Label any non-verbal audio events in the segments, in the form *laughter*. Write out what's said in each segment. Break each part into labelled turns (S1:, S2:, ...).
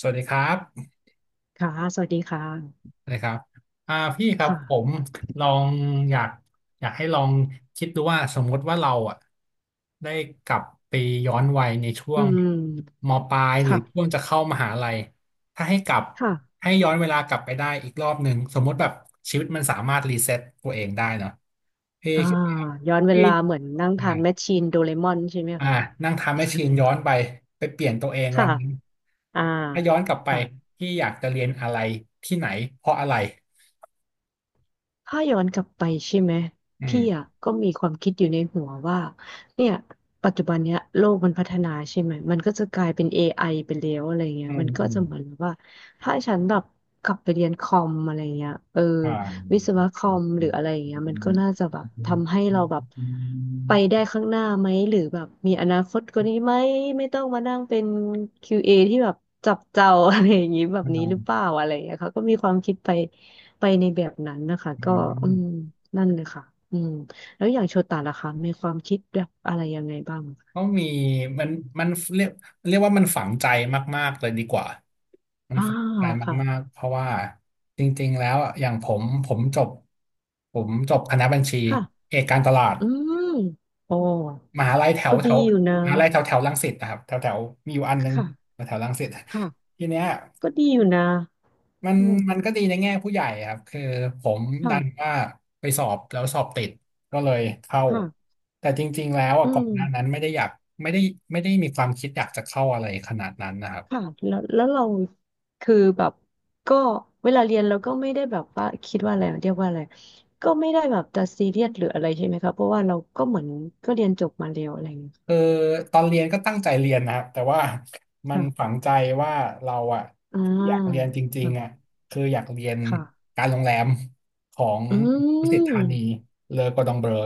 S1: สวัสดีครับ
S2: ค่ะ สวัสดีค่ะ
S1: สวัสดีครับพี่ครับผม
S2: ค่ะ
S1: ลองอยากอยากให้ลองคิดดูว่าสมมติว่าเราอ่ะได้กลับไปย้อนวัยในช่ว
S2: อื
S1: ง
S2: ม
S1: มปลายหรือช่ว
S2: ค่ะ
S1: งจะเข้ามหาลัยถ้าให้กลับ
S2: ค่ะ
S1: ให้ย้อนเวลากลับไปได้อีกรอบหนึ่งสมมติแบบชีวิตมันสามารถรีเซ็ตตัวเองได้เนาะพี่
S2: อ่า
S1: คิดว่า
S2: ย้อนเว
S1: พี่
S2: ลาเหมือนนั่ง
S1: ได้
S2: ทานแมชชีนโดเรมอนใช่ไหม
S1: อ่า
S2: คะ
S1: นั่งทำให้
S2: *laughs*
S1: ชีนย้อนไปไปเปลี่ยนตัวเองวั
S2: ค่ะ
S1: นนั้น
S2: อ่า
S1: ถ้าย้อนกลับไป
S2: ค่ะ
S1: พี่อยากจะเรียนอะไรที่ไหนเพราะอะไร
S2: ถ้าย้อนกลับไปใช่ไหม
S1: อื
S2: พี่อ่ะ
S1: ม
S2: ก็มีความคิดอยู่ในหัวว่าเนี่ยปัจจุบันเนี้ยโลกมันพัฒนาใช่ไหมมันก็จะกลายเป็น AI ไอไปแล้วอะไรเงี้
S1: อื
S2: ย
S1: ม
S2: มันก็
S1: อืม
S2: จะเหมือนแบบว่าถ้าฉันแบบกลับไปเรียนคอมอะไรเงี้ยเออ
S1: อ่าอ
S2: วิศวะคอ
S1: ืม
S2: มหรืออะไรเงี้ยมันก็น่าจะแบบทำให้เราแบบ
S1: อ
S2: ไป
S1: ื
S2: ได้ข้างหน้าไหมหรือแบบมีอนาคตกว่านี้ไหมไม่ต้องมานั่งเป็นคิวเอที่แบบจับเจ้า *laughs* อะไรอย่างงี้แบบนี้หรือเปล่าอะไรเงี้ยเขาก็มีความคิดไป ไปในแบบนั้นนะคะก็
S1: ม
S2: อืมนั่นเลยค่ะอืมแล้วอย่างโชตะล่ะคะมีความคิดแบบอะไรยังไงบ้างคะ
S1: ก็มีมันมันเรียกเรียกว่ามันฝังใจมากๆเลยดีกว่ามัน
S2: อ่า
S1: ฝังใจ
S2: ค่ะ
S1: มากๆเพราะว่าจริงๆแล้วอะอย่างผมจบคณะบัญชี
S2: ค่ะ
S1: เอกการตลาด
S2: อืมโอ้
S1: มหาลัยแถว
S2: ก็
S1: แถ
S2: ดี
S1: ว
S2: อยู่นะ
S1: มหาลัยแถวแถวรังสิตนะครับแถวแถวมีอยู่อันนึง
S2: ค่ะ
S1: แถวแถวรังสิต
S2: ค่ะ
S1: ทีเนี้ย
S2: ก็ดีอยู่นะ
S1: มัน
S2: อืม
S1: มันก็ดีในแง่ผู้ใหญ่ครับคือผมดัน
S2: ค่ะ
S1: ว่าไปสอบแล้วสอบติดก็เลยเข้า
S2: ค่ะ
S1: แต่จริงๆแล้วอ่ะ
S2: อื
S1: ก่อน
S2: ม
S1: หน้านั้นไม่ได้อยากไม่ได้ไม่ได้มีความคิดอยากจะเข้าอะไรขนาดนั้นนะครับ
S2: ค่ะแล้วเราคือแบบก็เวลาเรียนเราก็ไม่ได้แบบว่าคิดว่าอะไรเรียกว่าอะไรก็ไม่ได้แบบจะซีเรียสหรืออะไรใช่ไหมคะเพราะว่าเราก็เหมือนก็เรียนจบมาแล้วอะไรอย่างเงี้ย
S1: คือตอนเรียนก็ตั้งใจเรียนนะครับแต่ว่ามัน
S2: ค่ะ
S1: ฝังใจว่าเราอ่ะ
S2: อ่
S1: ที่อยากเรีย
S2: า
S1: นจริงๆอ่ะ
S2: ค่ะ
S1: คืออยากเรียน
S2: ค่ะ
S1: การโรงแรมของ
S2: อื
S1: ดุสิตธานี
S2: ม
S1: เลอกอร์ดองเบลอ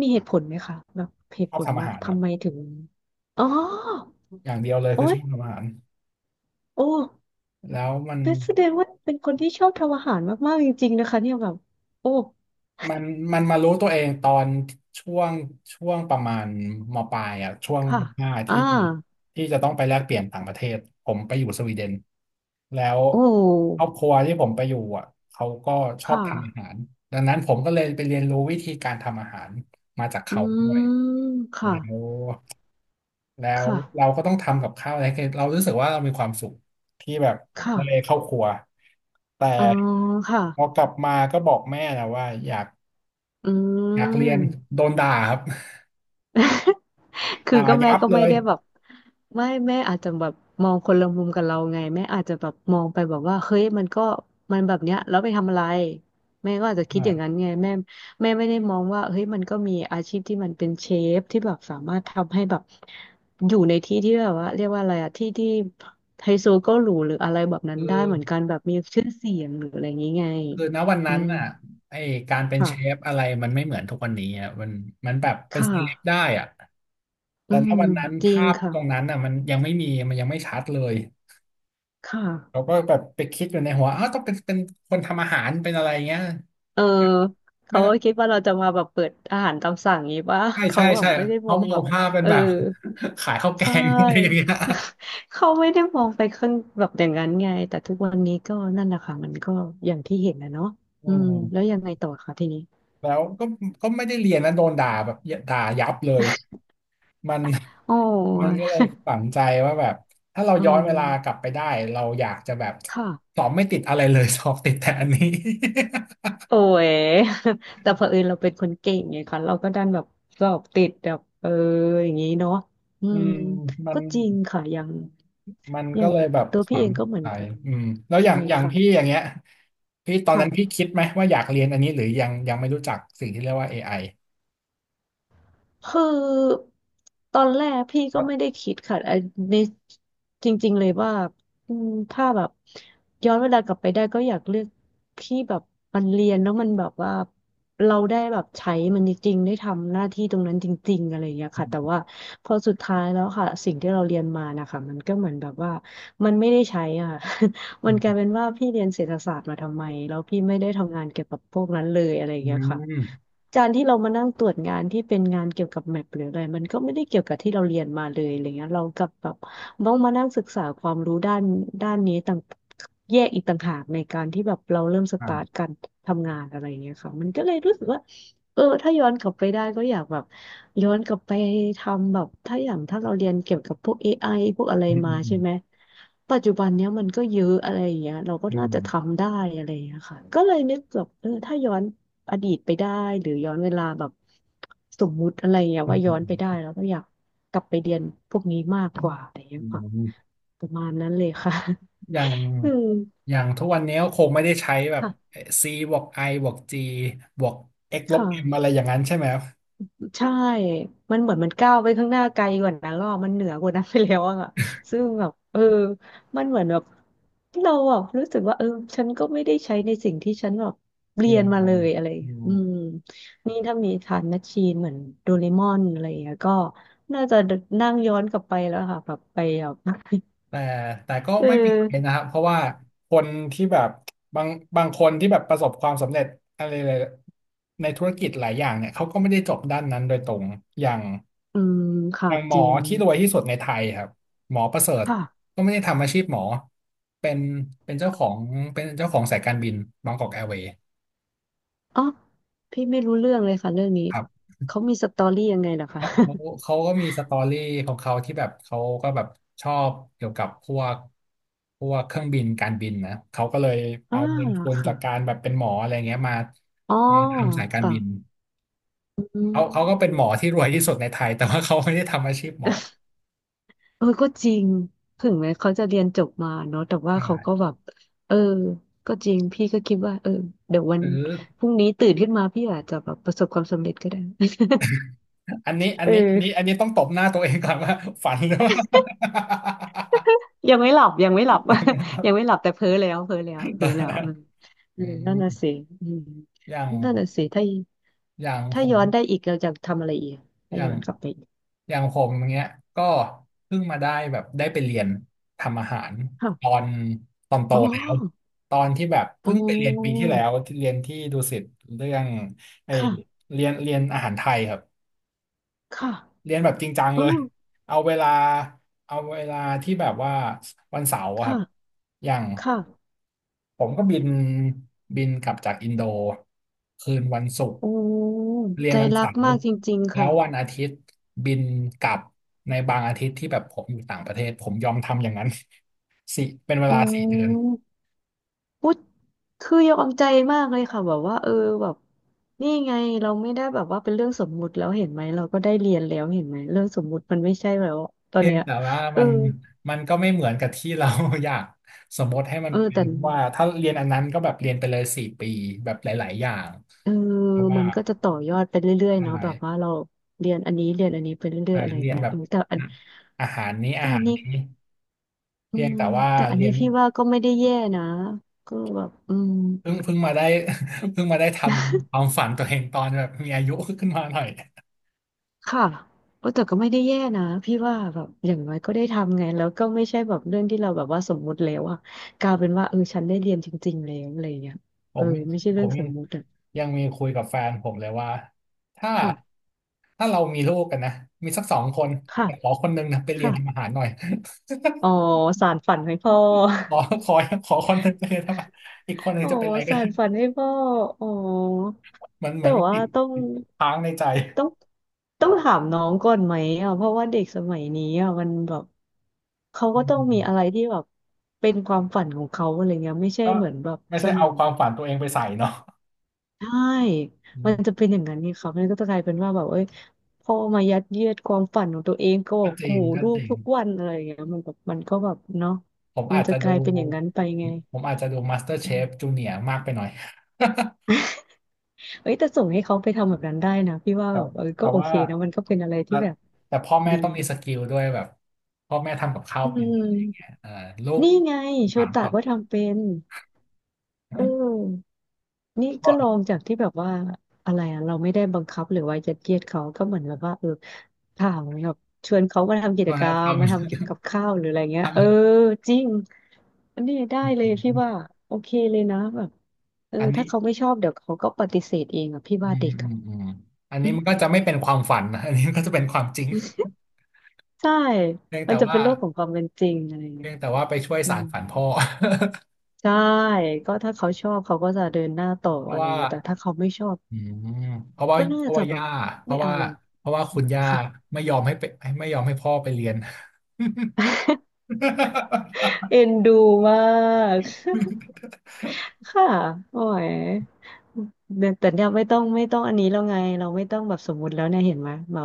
S2: มีเหตุผลไหมคะแบบเห
S1: ช
S2: ตุ
S1: อ
S2: ผ
S1: บ
S2: ล
S1: ทำอา
S2: ว่า
S1: หารครั
S2: ทำไม
S1: บ
S2: ถึงอ๋อ
S1: อย่างเดียวเลย
S2: โอ๊
S1: คือช
S2: ย
S1: อบทำอาหาร
S2: โอ้
S1: แล้วมัน
S2: เป็นแสดงว่าเป็นคนที่ชอบทำอาหารมากๆจริงๆนะคะเนี่ยแบบโอ้
S1: มันมันมารู้ตัวเองตอนช่วงช่วงประมาณมปลายอ่ะช่วง
S2: ค่ะ
S1: ม.5
S2: อ่า
S1: ที่ที่จะต้องไปแลกเปลี่ยนต่างประเทศผมไปอยู่สวีเดนแล้ว
S2: โอ
S1: คร
S2: ้
S1: อบครัวที่ผมไปอยู่อ่ะเขาก็ช
S2: ค
S1: อบทำอาหา
S2: ่ะ
S1: รดังนั้นผมก็เลยไปเรียนรู้วิธีการทำอาหารมาจาก
S2: อื
S1: เขาด้
S2: ม
S1: วย
S2: ค่ะ
S1: แล้วแล้ว
S2: ค่ะ
S1: เราก็ต้องทำกับข้าวอะไรให้เรารู้สึกว่าเรามีความสุขที่แบบได้
S2: ค่ะ
S1: เข้าครัวแต่
S2: อ๋อค่ะ
S1: พอกลับมาก็บอกแม่นะว่าอยาก
S2: อื
S1: อยากเรียน
S2: ม
S1: โดนด่าครับ
S2: *laughs*
S1: *laughs*
S2: คือ
S1: ด่า
S2: ก็แม่
S1: ยับ
S2: ก็
S1: เล
S2: ไม่
S1: ย
S2: ได้แบบไม่แม่อาจจะแบบมองคนละมุมกับเราไงแม่อาจจะแบบมองไปแบบว่าเฮ้ยมันก็มันแบบเนี้ยแล้วไปทำอะไรแม่ก็อาจจะคิดอย่างนั้น
S1: อ่า
S2: ไงแม่แม่ไม่ได้มองว่าเฮ้ยมันก็มีอาชีพที่มันเป็นเชฟที่แบบสามารถทำให้แบบอยู่ในที่ที่แบบว่าเรียกว่าอะไรอะที่ที่ไฮโซก็หรูหรืออะไรแบบนั้
S1: คื
S2: น
S1: อ
S2: ได้เหมือนกันแบบมีชื่อเสียงหรืออะไรอย่างงี้ไง
S1: คือณวัน
S2: อื
S1: นั้น
S2: ม
S1: อ่ะไอการเป็น
S2: ค่ะ
S1: เชฟอะไรมันไม่เหมือนทุกวันนี้อ่ะมันแบบเป็น
S2: ค่ะ
S1: เซเลบได้อ่ะ
S2: อื
S1: แต่ณ
S2: ม
S1: วันนั้น
S2: จริง
S1: ภาพ
S2: ค่ะ
S1: ตรงนั้นอ่ะมันยังไม่มีมันยังไม่ชัดเลย
S2: ค
S1: เรา
S2: ่ะ
S1: ก็แบบไปคิดอยู่ในหัวอ้าวต้องเป็นคนทำอาหารเป็นอะไรเงี้ย
S2: เออ
S1: ไม่
S2: เขา
S1: ต้อ
S2: ก็
S1: ง
S2: คิดว่าเราจะมาแบบเปิดอาหารตามสั่งงี้ป่ะ
S1: ใช่
S2: *laughs* เขา
S1: ใช่
S2: แบบ
S1: ใช่
S2: ไม่ได้ม
S1: เขา
S2: อง
S1: มอ
S2: แบ
S1: ง
S2: บ
S1: ภาพเป็น
S2: เออ
S1: แบบ *laughs* ขายข้าวแก
S2: ใช่
S1: งอะไรอย่างเงี้ย
S2: *laughs* เขาไม่ได้มองไปข้างแบบอย่างนั้นไงแต่ทุกวันนี้ก็นั่นแหละค่ะมันก็อย่างที่เห็นนะเนาะ
S1: อื
S2: อืมแล้ว
S1: ม
S2: ยังไงต่อคะทีนี้
S1: แล้วก็ไม่ได้เรียนนะโดนด่าแบบด่ายับเลย มัน
S2: โอ้
S1: *laughs* มันก็เล
S2: ย
S1: ยฝังใจว่าแบบถ้าเรา
S2: อื
S1: ย้อนเวลากลับ
S2: ม
S1: ไปได้เราอยากจะแบบ
S2: ค่ะ
S1: สอบไม่ติดอะไรเลย *laughs* สอบติดแต่อันนี้
S2: โอ้ย *laughs* แต่เผอิญเราเป็นคนเก่งไงคะเราก็ดันแบบสอบติดแบบเอออย่างนี้เนาะอื
S1: *laughs* อื
S2: ม
S1: มมัน
S2: ก็จริงค่ะอย่าง
S1: มัน
S2: อ
S1: ก็
S2: ย่าง
S1: เลยแบบ
S2: ตัวพี่
S1: ฝั
S2: เอ
S1: ง
S2: งก็เหมือ
S1: ใจ
S2: นกัน
S1: อืมแล้วอ
S2: ใช่
S1: ย่างอย่าง
S2: ค่ะ
S1: พี่อย่างเงี้ยพี่ตอนนั้นพี่
S2: ค่ะ
S1: คิดไหมว่าอยากเรียนอันนี้หรือยังยังไม่รู้จักสิ่งที่เรียกว่า AI
S2: คือตอนแรกพี่
S1: เพ
S2: ก็
S1: ราะ
S2: ไม่ได้คิดค่ะไอัในจริงๆเลยว่าอืมถ้าแบบย้อนเวลากลับไปได้ก็อยากเลือกที่แบบมันเรียนแล้วมันแบบว่าเราได้แบบใช้มันจริงๆได้ทำหน้าที่ตรงนั้นจริงๆอะไรอย่างเงี้ยค่ะแต่
S1: อ
S2: ว่าพอสุดท้ายแล้วค่ะสิ่งที่เราเรียนมานะคะมันก็เหมือนแบบว่ามันไม่ได้ใช้อ่ะ *laughs* มั
S1: ื
S2: นกลา
S1: ม
S2: ยเป็นว่าพี่เรียนเศรษฐศาสตร์มาทำไมแล้วพี่ไม่ได้ทำงานเกี่ยวกับพวกนั้นเลยอะไรอย่า
S1: อื
S2: งเงี้ย
S1: ม
S2: ค่ะ
S1: อืม
S2: การที่เรามานั่งตรวจงานที่เป็นงานเกี่ยวกับแมปหรืออะไรมันก็ไม่ได้เกี่ยวกับที่เราเรียนมาเลยอะไรเงี้ยเรากลับแบบต้องมานั่งศึกษาความรู้ด้านนี้ต่างแยกอีกต่างหากในการที่แบบเราเริ่มสตาร์ท
S1: อ่า
S2: การทำงานอะไรเงี้ยค่ะมันก็เลยรู้สึกว่า เออถ้าย้อนกลับไปได้ก็อยากแบบย้อนกลับไปทำแบบถ้าอย่างถ้าเราเรียนเกี่ยวกับพวก AI พวกอะไร
S1: อืม
S2: มา
S1: อื
S2: ใช่
S1: ม
S2: ไหมปัจจุบันเนี้ยมันก็เยอะอะไรอย่างเงี้ยเราก็
S1: อื
S2: น่าจะ
S1: ม
S2: ทำได้อะไรอย่างเงี้ยค่ะก็เลยนึกแบบเออถ้าย้อนอดีตไปได้หรือย้อนเวลาแบบสมมุติอะไรอย่างเงี้ย
S1: อืม
S2: ว่า
S1: อื
S2: ย้อนไปได้
S1: ม
S2: แล้วก็อยากกลับไปเรียนพวกนี้มากกว่าอะไรอย่างเงี้
S1: อื
S2: ยค่ะ
S1: ม
S2: ประมาณนั้นเลยค่ะ
S1: อย่าง
S2: *laughs* อืม
S1: อย่างทุกวันนี้ก็คงไม่ได้ใช้แบบ
S2: ค่ะ
S1: c บวก i บวก g บวก x
S2: ค
S1: ลบ m อะ
S2: ่ะ
S1: ไรอย่างนั้นใช่ไหมครับ
S2: ใช่มันเหมือนมันก้าวไปข้างหน้าไกลกว่านั้นแล้วอะมันเหนือกว่านั้นไปแล้วอะซึ่งแบบเออมันเหมือนแบบเราอะรู้สึกว่าเออฉันก็ไม่ได้ใช้ในสิ่งที่ฉันแบบเรี
S1: เรี
S2: ย
S1: ย
S2: น
S1: น
S2: มา
S1: มั
S2: เล
S1: น
S2: ยอะไรอย่าง
S1: อื
S2: เงี้ย
S1: ม
S2: อืมนี่ถ้ามีฐานนัชชีนเหมือนโดเรมอนอะไรอย่างเงี้ยก็น่าจะนั่งย้อนกลับไปแล้วค่ะแบบไปแบบ *laughs*
S1: แต่แต่ก็
S2: เออ
S1: ไม่เป็นไรนะครับเพราะว่า
S2: ค่ะ
S1: คนที่แบบบางบางคนที่แบบประสบความสำเร็จอะไรหลายในธุรกิจหลายอย่างเนี่ยเขาก็ไม่ได้จบด้านนั้นโดยตรงอย่าง
S2: อืม
S1: อ
S2: ค่ะ
S1: ย่างหม
S2: จ
S1: อ
S2: ริง
S1: ที่รวยที่สุดในไทยครับหมอประเสริฐ
S2: ค่ะ
S1: ก็ไม่ได้ทำอาชีพหมอเป็นเป็นเจ้าของเป็นเจ้าของสายการบินบางกอกแอร์เวย์
S2: อ๋อพี่ไม่รู้เรื่องเลยค่ะเรื่องนี้
S1: ครับ
S2: เขามีสตอรี่ยังไงเหรอคะ
S1: เขาเขาเขาก็มีสตอรี่ของเขาที่แบบเขาก็แบบชอบเกี่ยวกับพวกเครื่องบินการบินนะเขาก็เลย
S2: *laughs* อ่า
S1: เอาเงินทุน
S2: ค่ะ
S1: จากการแบบเป็นหมออะไรเงี้ยมา
S2: อ๋อ
S1: มาทำสายการ
S2: ค่ะ
S1: บิน
S2: อื
S1: เขาก็เป็นหม
S2: ม
S1: อที่รวยที่สุดในไทยแต่ว่าเขาไม่ได้ทำอาชีพหมอ
S2: เออก็จริงถึงแม้เขาจะเรียนจบมาเนาะแต่ว่าเขา
S1: ใช่
S2: ก็แบบเออก็จริงพี่ก็คิดว่าเดี๋ยววั
S1: ห
S2: น
S1: รือ
S2: พรุ่งนี้ตื่นขึ้นมาพี่อาจจะแบบประสบความสำเร็จก็ได้ *laughs* เอ
S1: อัน
S2: อ
S1: นี้ต้องตบหน้าตัวเองก่อนว่าฝันหรือว่า
S2: ยังไม่หลับ *laughs* ยังไม่หลับแต่เพ้อแล้วเพ้อแล้วเพ้อแล้วเออ
S1: *laughs*
S2: เออ
S1: อื
S2: นั่
S1: ม
S2: นน่ะสิอืม
S1: อย่าง
S2: นั่นน่ะสิถ้า
S1: อย่างผ
S2: ถ้า
S1: ม
S2: ย้อนได้อีกเราจะทำอะไรอีก
S1: อ
S2: ถ้า
S1: ย่า
S2: ย้
S1: ง
S2: อนกลับไปอีก
S1: อย่างผมอย่างเงี้ยก็เพิ่งมาได้แบบได้ไปเรียนทำอาหารตอ
S2: ค่ะ
S1: นตอนโต
S2: อ๋อ
S1: แล้วตอนที่แบบ
S2: อ๋
S1: เพิ่งไปเรียนปี
S2: อ
S1: ที่แล้วที่เรียนที่ดุสิตเรื่องไอ
S2: ค่ะ
S1: เรียนอาหารไทยครับ
S2: ค่ะ
S1: เรียนแบบจริงจัง
S2: อ๋
S1: เล
S2: อ
S1: ยเอาเวลาเอาเวลาที่แบบว่าวันเสาร์อะครับ
S2: ค่ะ
S1: อย่าง
S2: ค่ะ
S1: ผมก็บินกลับจากอินโดคืนวันศุกร์
S2: โอ้
S1: เรีย
S2: ใจ
S1: นวัน
S2: รั
S1: เสา
S2: ก
S1: ร์
S2: มากจริงๆ
S1: แล้ว
S2: ค่ะ
S1: วันอาทิตย์บินกลับในบางอาทิตย์ที่แบบผมอยู่ต่างประเทศผมยอมทำอย่างนั้น *laughs* สิเป็นเวลา
S2: โอ้
S1: 4 เดือน
S2: พูดคือยอมใจมากเลยค่ะแบบว่าเออแบบนี่ไงเราไม่ได้แบบว่าเป็นเรื่องสมมุติแล้วเห็นไหมเราก็ได้เรียนแล้วเห็นไหมเรื่องสมมุติมันไม่ใช่แล้วตอน
S1: เพียง
S2: เนี้ย
S1: แต่ว่า
S2: เอ
S1: มั
S2: อ
S1: นมันก็ไม่เหมือนกับที่เรา *laughs* อยากสมมติให้มั
S2: เอ
S1: น
S2: อ
S1: เป็
S2: แต่
S1: นว่าถ้าเรียนอันนั้นก็แบบเรียนไปเลย4 ปีแบบหลายๆอย่าง
S2: เออ
S1: เพราะว่า
S2: มันก็จะต่อยอดไปเรื่อยๆ
S1: ใช่
S2: เนาะแบบว่าเราเรียนอันนี้เรียนอันนี้ไปเรื่อ
S1: ใช่
S2: ยๆอะไรอ
S1: เรี
S2: ย่าง
S1: ยน
S2: เงี้ย
S1: แบบ
S2: เออแต่อัน
S1: อาหารนี้
S2: แต่
S1: อา
S2: อั
S1: หา
S2: น
S1: ร
S2: นี้
S1: นี้
S2: อื
S1: เพียง
S2: ม
S1: แต่ว่า
S2: แต่อัน
S1: เรี
S2: นี้
S1: ยน
S2: พี่ว่าก็ไม่ได้แย่นะก็แบบอืม
S1: เพิ่งมาได้ *laughs* เพิ่งมาได้ทำค
S2: *laughs*
S1: วามฝันตัวเองตอนแบบมีอายุขึ้นมาหน่อย
S2: ค่ะเออแต่ก็ไม่ได้แย่นะพี่ว่าแบบอย่างน้อยก็ได้ทำไงแล้วก็ไม่ใช่แบบเรื่องที่เราแบบว่าสมมุติแล้วอะกลายเป็นว่าเออฉันได้เรียนจริงๆแล้วอะไรอย่างเงี้ย
S1: ผ
S2: เออ
S1: ม
S2: ไม่ใช่
S1: ผ
S2: เรื่อง
S1: ม
S2: ส
S1: ยัง
S2: มมุติอะ
S1: ยังมีคุยกับแฟนผมเลยว่าถ้า
S2: ค่ะ
S1: ถ้าเรามีลูกกันนะมีสัก2 คน
S2: ค่ะ
S1: แต่ขอคนหนึงนะไปเรีย
S2: ค่ะ
S1: นทำอาหารหน่อย
S2: อ๋อสานฝันให้พ่อ
S1: *laughs* ขอขอขอคนหนึงไปเรียนทำอาหารอีกคนหนึ
S2: *laughs*
S1: ง
S2: อ๋อ
S1: จะเป็นอะไรก็
S2: สา
S1: ได้
S2: นฝันให้พ่ออ๋อ
S1: เหมือนเหมื
S2: แต่
S1: อนมัน
S2: ว่า
S1: ติด
S2: ต้อง
S1: ติดค้างในใจ
S2: ต้องต้องถามน้องก่อนไหมอ่ะเพราะว่าเด็กสมัยนี้อ่ะมันแบบเขา
S1: อื
S2: ก็ต้องมี
S1: ม
S2: อะไรที่แบบเป็นความฝันของเขาอะไรเงี้ยไม่ใช่
S1: ก็
S2: เหมือนแบบ
S1: ไม่
S2: ส
S1: ใช่เอา
S2: มัย
S1: ความฝันตัวเองไปใส่เนาะ
S2: ใช่
S1: อื
S2: มัน
S1: ม
S2: จะเป็นอย่างนั้นนี่ครับมันก็จะกลายเป็นว่าแบบเอ้ยพ่อมายัดเยียดความฝันของตัวเองก็บ
S1: ก็
S2: อก
S1: จริ
S2: หู
S1: งก็
S2: ลู
S1: จ
S2: ก
S1: ริง
S2: ทุกวันอะไรอย่างเงี้ยมันแบบมันก็แบบเนาะ
S1: ผม
S2: มั
S1: อา
S2: น
S1: จ
S2: จะ
S1: จะ
S2: ก
S1: ดู
S2: ลายเป็นอย่างนั้นไปไง
S1: ผมอาจจะดู
S2: อื
S1: MasterChef
S2: ม
S1: Junior มากไปหน่อย *laughs*
S2: เอ้ยแต่ส่งให้เขาไปทำแบบนั้นได้นะพี่ว่า
S1: แต่
S2: แบบเออก็
S1: แต่
S2: โอ
S1: ว่า
S2: เคนะมันก็เป็นอะไร
S1: แต่
S2: ที่แบบ
S1: แต่พ่อแม่
S2: ดี
S1: ต้องมีสกิลด้วยแบบพ่อแม่ทำกับข้าว
S2: อื
S1: เป็นอะไรอย่างเงี้ย
S2: ม
S1: เออลูก
S2: นี่ไงโช
S1: ถาม
S2: ตะ
S1: แบบ
S2: ก็ทำเป็นเออนี่
S1: ก็
S2: ก็ลองจากที่แบบว่าอะไรอะเราไม่ได้บังคับหรือว่ายัดเยียดเขาก็เหมือนแบบว่าเออถามแบบชวนเขามาทำกิจ
S1: ก็
S2: กร
S1: ท
S2: รมมาทำเก็บ
S1: ำ
S2: กับข้าวหรืออะไรเงี้ยเออ
S1: *laughs* ทำ
S2: จริงอันนี้ได้เลยพี่ว่าโอเคเลยนะแบบเออ
S1: อันนี้
S2: ถ้าเขาไม่ชอบเดี๋ยวเขาก็ปฏิเสธเองอ่ะพี่
S1: อื
S2: ว่า
S1: ม
S2: เด็ก
S1: อื
S2: อ่ะ
S1: มอืมอัน
S2: อื
S1: นี้
S2: ม
S1: มันก็จะไม่เป็นความฝัน *laughs* นะอันนี้มันก็จะเป็นความจริง
S2: ใช่
S1: เพียง
S2: มั
S1: แต่
S2: นจะเป็
S1: ว่า
S2: นโลกของความเป็นจริงอะไรเงี้
S1: เพี
S2: ย
S1: ยงแต่ว่าไปช่วย
S2: อื
S1: สา
S2: ม
S1: นฝันพ่อ *laughs*
S2: ใช่ก็ถ้าเขาชอบเขาก็จะเดินหน้าต่อ
S1: เพ
S2: อะ
S1: ราะ
S2: ไร
S1: ว่า
S2: เงี้ยแต่ถ้าเขาไม่ชอบ
S1: อืมเพราะว่า
S2: ก็น่า
S1: เพราะ
S2: จะ
S1: ว่า
S2: แบบ
S1: ย่าเพ
S2: ไม่
S1: ราะ
S2: เอา
S1: ว่า
S2: เลย
S1: เพราะว่า
S2: อื
S1: คุณ
S2: ม
S1: ย่า
S2: ค่ะ
S1: ไม่ยอมให้ไปไม่ยอมให้พ่อไปเรียน *laughs*
S2: เอ็นดูมาก *laughs* ค่ะโอ้ยแต่ยแต่เนี่ยไม่ต้องอันนี้แล้วไงเราไม่ต้องแบบสมมุติแล้วเนี่ยเห็นไหมเรา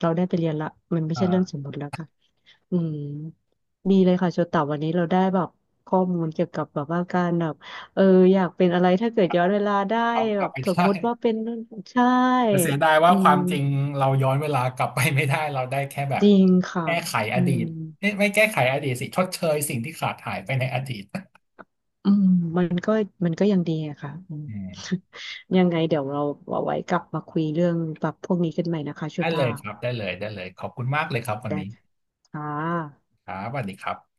S2: เราได้ไปเรียนละมันไม่ใช่เรื่องส
S1: อ่า
S2: มมุติแล้วค่ะอืมดีเลยค่ะโชตะวันนี้เราได้แบบข้อมูลเกี่ยวกับแบบว่าการแบบเอออยากเป็นอะไรถ้าเกิดย้อนเวลาได้
S1: เอาก
S2: แบ
S1: ลับ
S2: บ
S1: ไป
S2: สม
S1: ได้
S2: มุติว่าเป็นนู่นใช่
S1: แต่เสียดายว่า
S2: อื
S1: ความ
S2: ม
S1: จริงเราย้อนเวลากลับไปไม่ได้เราได้แค่แบ
S2: จ
S1: บ
S2: ริงค่ะ
S1: แก้ไขอ
S2: อื
S1: ดีต
S2: ม
S1: เอ๊ะไม่แก้ไขอดีตสิชดเชยสิ่งที่ขาดหายไปในอดีต
S2: อืมมันก็มันก็ยังดีอะค่ะอืม
S1: อืม
S2: *laughs* ยังไงเดี๋ยวเราเอาไว้กลับมาคุยเรื่องแบบพวกนี้กันใหม่นะคะ
S1: ได้เล
S2: ชุ่า
S1: ยครับได้เลยได้เลยขอบคุณมากเลยครับวัน
S2: แต่
S1: นี้
S2: ค่ะ
S1: ครับสวัสดีครับ